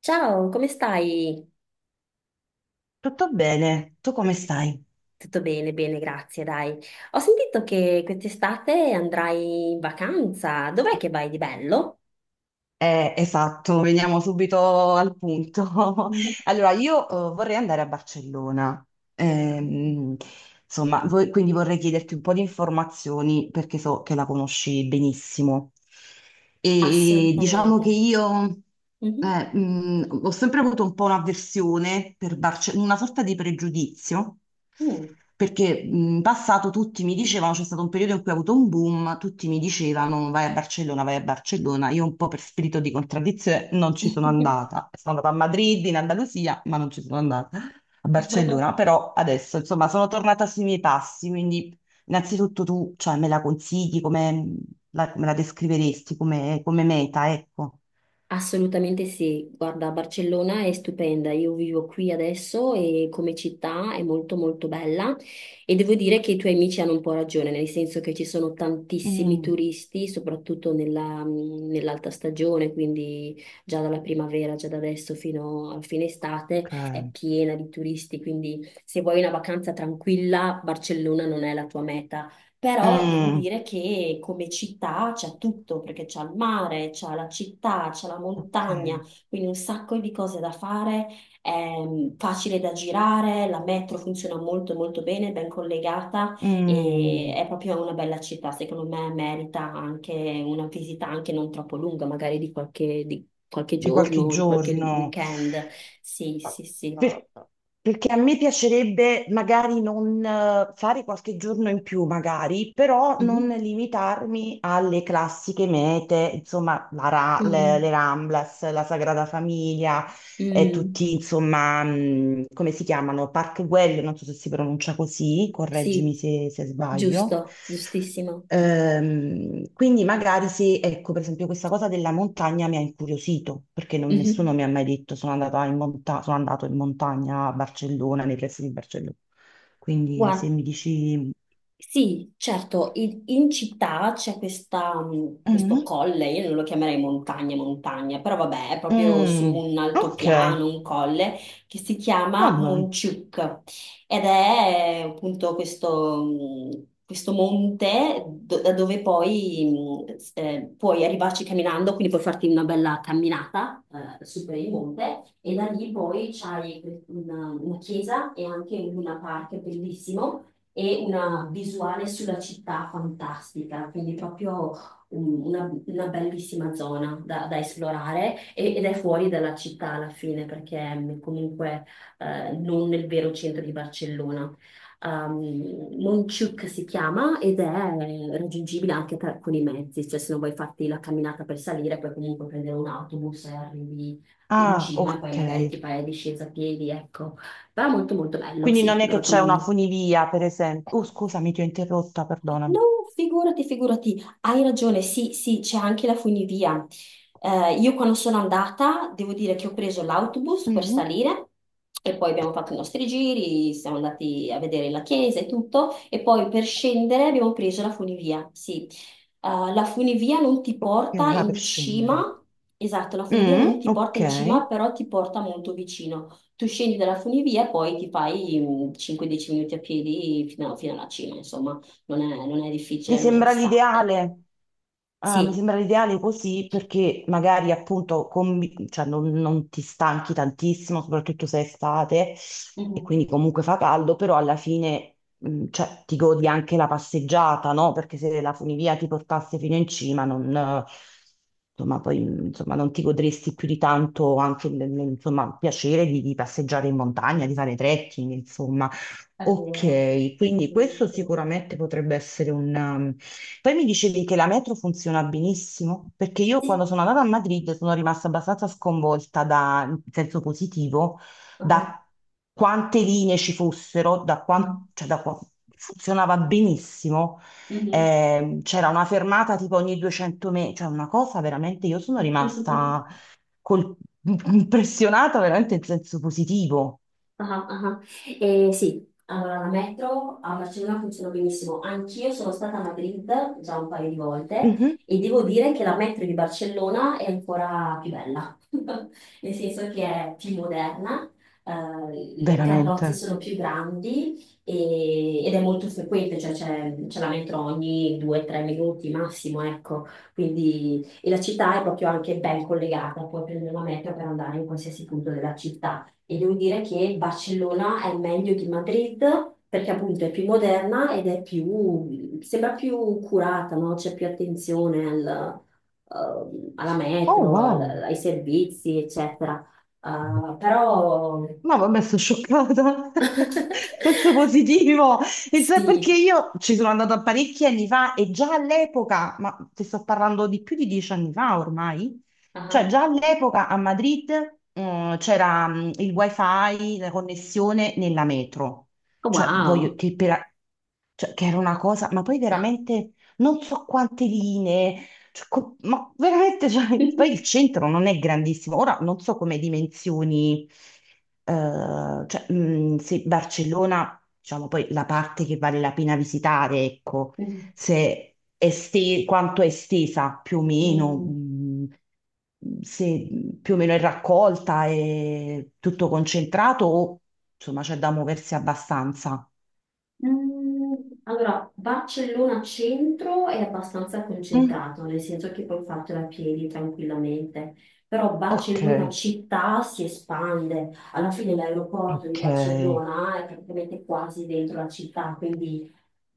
Ciao, come stai? Tutto bene, tu come stai? Tutto bene, bene, grazie, dai. Ho sentito che quest'estate andrai in vacanza. Dov'è che vai di bello? Esatto, veniamo subito al punto. Mhm. Allora, io vorrei andare a Barcellona. Ehm, insomma, quindi vorrei chiederti un po' di informazioni perché so che la conosci benissimo. E diciamo che Assolutamente. io Mhm. Ho sempre avuto un po' un'avversione per una sorta di pregiudizio. Mm. Perché in passato tutti mi dicevano, c'è stato un periodo in cui ha avuto un boom, tutti mi dicevano vai a Barcellona, vai a Barcellona. Io un po' per spirito di contraddizione non ci sono andata. Sono andata a Madrid, in Andalusia, ma non ci sono andata a Barcellona, però adesso insomma sono tornata sui miei passi, quindi innanzitutto tu cioè, me la consigli, come la, me la descriveresti come, come meta, ecco. Assolutamente sì, guarda, Barcellona è stupenda, io vivo qui adesso e come città è molto molto bella e devo dire che i tuoi amici hanno un po' ragione, nel senso che ci sono tantissimi Mm, turisti, soprattutto nell'alta stagione, quindi già dalla primavera, già da adesso fino a fine estate è ok. piena di turisti, quindi se vuoi una vacanza tranquilla, Barcellona non è la tua meta, però devo Mm, dire che come città c'è tutto, perché c'è il mare, c'è la città, c'è la ok. montagna, quindi un sacco di cose da fare, è facile da girare, la metro funziona molto molto bene, ben collegata e Mm, è proprio una bella città, secondo me merita anche una visita anche non troppo lunga, magari di qualche di qualche giorno, di qualche giorno. weekend. Sì, sì, sì. Per- Perché a me piacerebbe magari non fare qualche giorno in più, magari, però non Mhm. limitarmi alle classiche mete, insomma, le Mm. Ramblas, la Sagrada Famiglia, e Mm. tutti, insomma, come si chiamano? Park Güell, non so se si pronuncia così, correggimi Sì, se sbaglio. giusto, giustissimo. Quindi magari se, ecco, per esempio questa cosa della montagna mi ha incuriosito, perché nessuno Mhm. mi ha mai detto sono andato in sono andato in montagna a Barcellona, nei pressi di Barcellona. Quindi se Guarda, mi dici... sì, certo, in città c'è questo Mhm. colle, io non lo chiamerei montagna, montagna, però vabbè, è proprio su Mm, un ok, altopiano, un colle, che si va chiama bene. Monciuc ed è appunto questo, questo monte da dove poi puoi arrivarci camminando, quindi puoi farti una bella camminata su per il monte e da lì poi c'hai una chiesa e anche un luna park bellissimo e una visuale sulla città fantastica, quindi proprio una bellissima zona da esplorare ed è fuori dalla città alla fine perché è comunque non nel vero centro di Barcellona. Um, Montjuïc si chiama ed è raggiungibile con i mezzi, cioè se non vuoi farti la camminata per salire, puoi comunque prendere un autobus e arrivi in Ah, cima e poi ok. magari ti fai la discesa a piedi, ecco. Però molto molto bello, Quindi sì, non è lo che c'è una raccomando. funivia, per esempio. Oh, scusami, ti ho interrotta, No, perdonami. figurati, figurati, hai ragione, sì, sì, c'è anche la funivia. Io quando sono andata, devo dire che ho preso l'autobus per Mm, salire e poi abbiamo fatto i nostri giri, siamo andati a vedere la chiesa e tutto, e poi per scendere abbiamo preso la funivia, sì. La funivia non ti ok, porta va per in scendere. cima, esatto, la funivia non Mm, ti porta ok. in cima, però ti porta molto vicino. Tu scendi dalla funivia e poi ti fai 5-10 minuti a piedi fino alla cima, insomma non è Mi difficile, non è sembra distante. l'ideale. Ah, mi Sì. sembra l'ideale così perché magari appunto cioè, non ti stanchi tantissimo, soprattutto se è estate e Mhm. quindi comunque fa caldo, però alla fine cioè, ti godi anche la passeggiata, no? Perché se la funivia ti portasse fino in cima, non, insomma, poi, insomma, non ti godresti più di tanto anche insomma, il piacere di passeggiare in montagna, di fare trekking, insomma. È vero, Ok, quindi questo bellissimo. sicuramente potrebbe essere, poi mi dicevi che la metro funziona benissimo, perché io Sì. quando sono andata a Madrid sono rimasta abbastanza sconvolta da, in senso positivo, Ah. da quante linee ci fossero, cioè funzionava benissimo. Mhm. C'era una fermata tipo ogni 200 metri, cioè una cosa veramente, io sono rimasta col- impressionata veramente in senso positivo. Ah, ah, ah. Sì, allora la metro a Barcellona funziona benissimo. Anch'io sono stata a Madrid già un paio di volte Mhm, e devo dire che la metro di Barcellona è ancora più bella, nel senso che è più moderna, le carrozze veramente. sono più grandi ed è molto frequente, cioè c'è la metro ogni 2-3 minuti massimo, ecco. Quindi, e la città è proprio anche ben collegata, puoi prendere la metro per andare in qualsiasi punto della città. E devo dire che il Barcellona è meglio di Madrid perché appunto è più moderna ed è più, sembra più curata, no? C'è più attenzione alla Oh, metro, wow. ai servizi, eccetera. Però No, vabbè, sono scioccata. Senso positivo. E cioè, perché sì. io ci sono andata parecchi anni fa e già all'epoca, ma ti sto parlando di più di 10 anni fa ormai, cioè Ah. già all'epoca a Madrid, c'era il wifi, la connessione nella metro. Cioè, voglio Wow. che per, cioè, che era una cosa, ma poi veramente non so quante linee, cioè, ma veramente, cioè, poi il centro non è grandissimo. Ora non so come dimensioni, cioè, se Barcellona, diciamo poi la parte che vale la pena visitare, ecco, se quanto è estesa più o meno, Mm. Se più o meno è raccolta, è tutto concentrato o insomma c'è da muoversi abbastanza. Mm, Allora, Barcellona centro è abbastanza Mm. concentrato, nel senso che puoi fartela a piedi tranquillamente, però Ok, Barcellona città si espande, alla fine l'aeroporto di ok. Barcellona è praticamente quasi dentro la città, quindi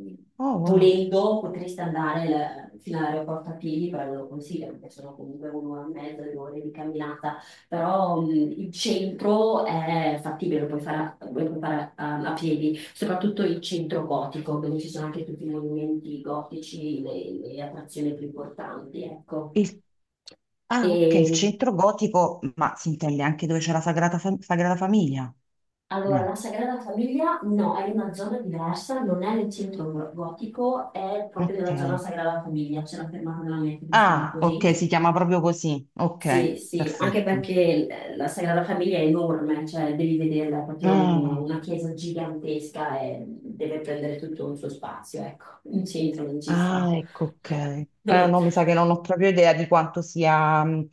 mm, Oh, wow. volendo potresti andare fino all'aeroporto a piedi, però non lo consiglio perché sono comunque un'ora e mezza, 2 ore di camminata, però il centro è fattibile, lo puoi fare a piedi, soprattutto il centro gotico, dove ci sono anche tutti i monumenti gotici, le attrazioni più importanti, ecco. Il- Ah, ok, E, il centro gotico, ma si intende anche dove c'è la Sagrada Famiglia? allora, la No, Sagrada Famiglia no, è in una zona diversa, non è nel centro gotico, è proprio nella zona ok. Sagrada Famiglia, c'è una fermata della metro che si chiama Ah, così. ok, si chiama proprio così. Sì, Ok, sì, anche perfetto. perché la Sagrada Famiglia è enorme, cioè devi vederla, è proprio Ah, una chiesa gigantesca e deve prendere tutto un suo spazio, ecco, in centro non ci sta. ah, ecco, ok. No, mi sa che non ho proprio idea di quanto sia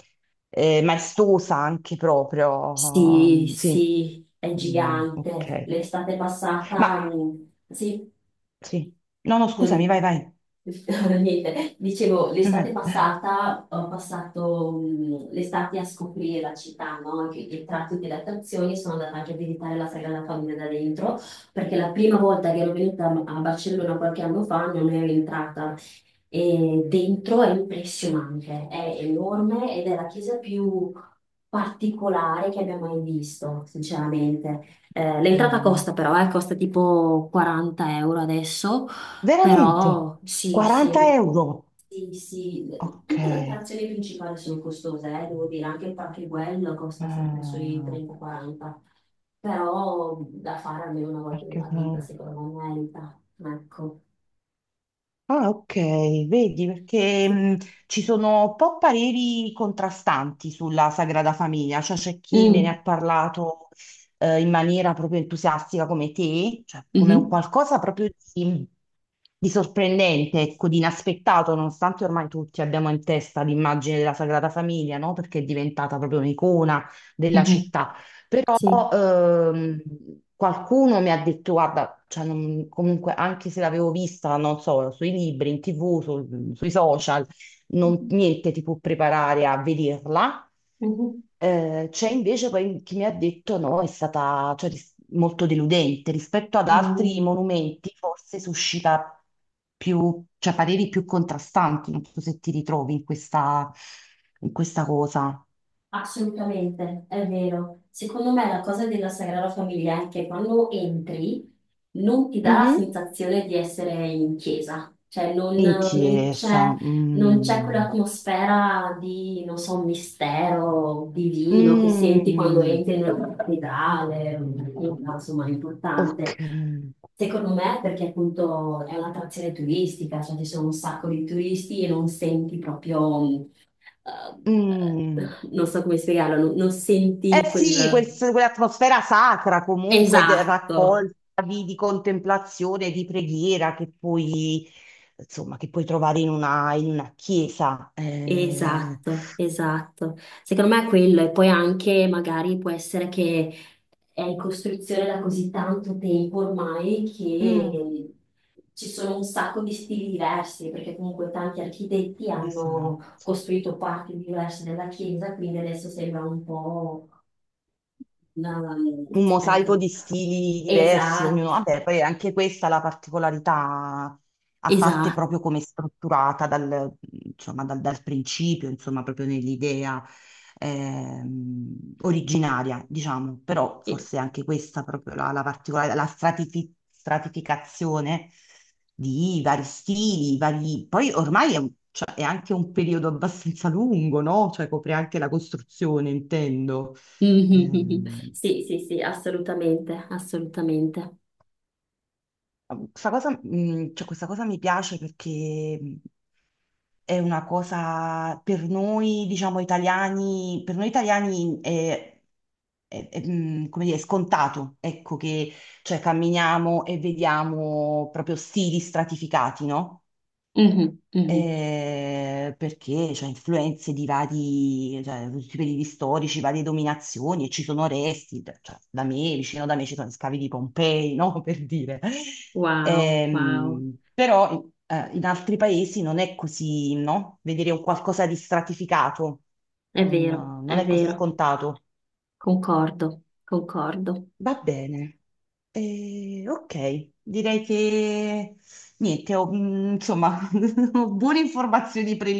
maestosa anche proprio. Sì, Ehm, sì. sì, è Mm, gigante. ok. L'estate passata, Ma sì, sì, no, no, Non è- scusami, vai, vai. niente, dicevo, l'estate passata ho passato l'estate a scoprire la città, no? Anche i tratti delle attrazioni, sono andata anche a visitare la Sagrada Famiglia da dentro, perché la prima volta che ero venuta a Barcellona qualche anno fa non ero entrata. E dentro è impressionante, è enorme ed è la chiesa più particolare che abbia mai visto, sinceramente. L'entrata Eh, costa però, costa tipo 40 € adesso, veramente? però sì, sì, 40 euro? sì, sì, Ok. tutte le attrazioni principali sono costose, devo dire, anche il Panche costa sempre sui Ah, 30-40, però da fare almeno una volta perché... nella vita, secondo me, merita. Ecco, Ah, ok, vedi, perché sì. Ci sono un po' pareri contrastanti sulla Sagrada Famiglia, cioè c'è chi me ne Mm, ha parlato in maniera proprio entusiastica come te, cioè come un mhm, qualcosa proprio di sorprendente, ecco, di inaspettato, nonostante ormai tutti abbiamo in testa l'immagine della Sagrada Famiglia, no? Perché è diventata proprio un'icona della mhm. città. Però Sì. ehm, qualcuno mi ha detto, guarda, cioè, comunque anche se l'avevo vista, non so, sui libri, in TV, sui social, niente ti può preparare a vederla. Mhm. C'è invece poi chi mi ha detto no, è stata cioè, molto deludente rispetto ad altri Mm. monumenti, forse suscita più, cioè, pareri più contrastanti. Non so se ti ritrovi in questa cosa. Assolutamente, è vero. Secondo me la cosa della Sagrada Famiglia è che quando entri non ti dà la Mhm. sensazione di essere in chiesa, cioè In chiesa. non c'è Mm. quell'atmosfera di, non so, mistero divino che senti quando Mm. entri nella cattedrale, insomma, è Ok. importante. Secondo me, perché appunto è un'attrazione turistica, cioè ci sono un sacco di turisti e non senti proprio Ehm, Mm. Non so come spiegarlo, non Eh senti sì, quel... quell'atmosfera sacra comunque Esatto, raccolta di contemplazione, di preghiera che puoi, insomma, che puoi trovare in una chiesa. Esatto, esatto. Secondo me è quello, e poi anche magari può essere che è in costruzione da così tanto tempo ormai Mm, che ci sono un sacco di stili diversi, perché comunque tanti architetti hanno esatto. costruito parti diverse della chiesa, quindi adesso sembra un po'... una- Un mosaico di Ecco, stili diversi, esatto, ognuno, vabbè, poi è anche questa è la particolarità, a parte esatto. proprio come è strutturata dal, insomma, dal principio, insomma, proprio nell'idea originaria, diciamo, però forse anche questa proprio la, la particolare, la stratificazione di vari stili, vari... poi ormai è, cioè, è anche un periodo abbastanza lungo, no? Cioè copre anche la costruzione, intendo. Mhm. Ehm, Sì, sì, sì, assolutamente, assolutamente. Questa cosa, cioè, questa cosa mi piace perché è una cosa per noi, diciamo, italiani, per noi italiani è, è, come dire, scontato, ecco, che cioè, camminiamo e vediamo proprio stili stratificati, no? Mhm, mhm. Eh, perché c'è influenze di vari, cioè, tutti i periodi storici, varie dominazioni, e ci sono resti, cioè, da me, vicino da me ci sono scavi di Pompei, no? Per dire. Wow, wow, Però in altri paesi non è così, no? Vedere un qualcosa di stratificato non è è così vero, scontato. concordo, concordo. Va bene. Ok, direi che niente, ho, mm, insomma, ho buone informazioni preliminari.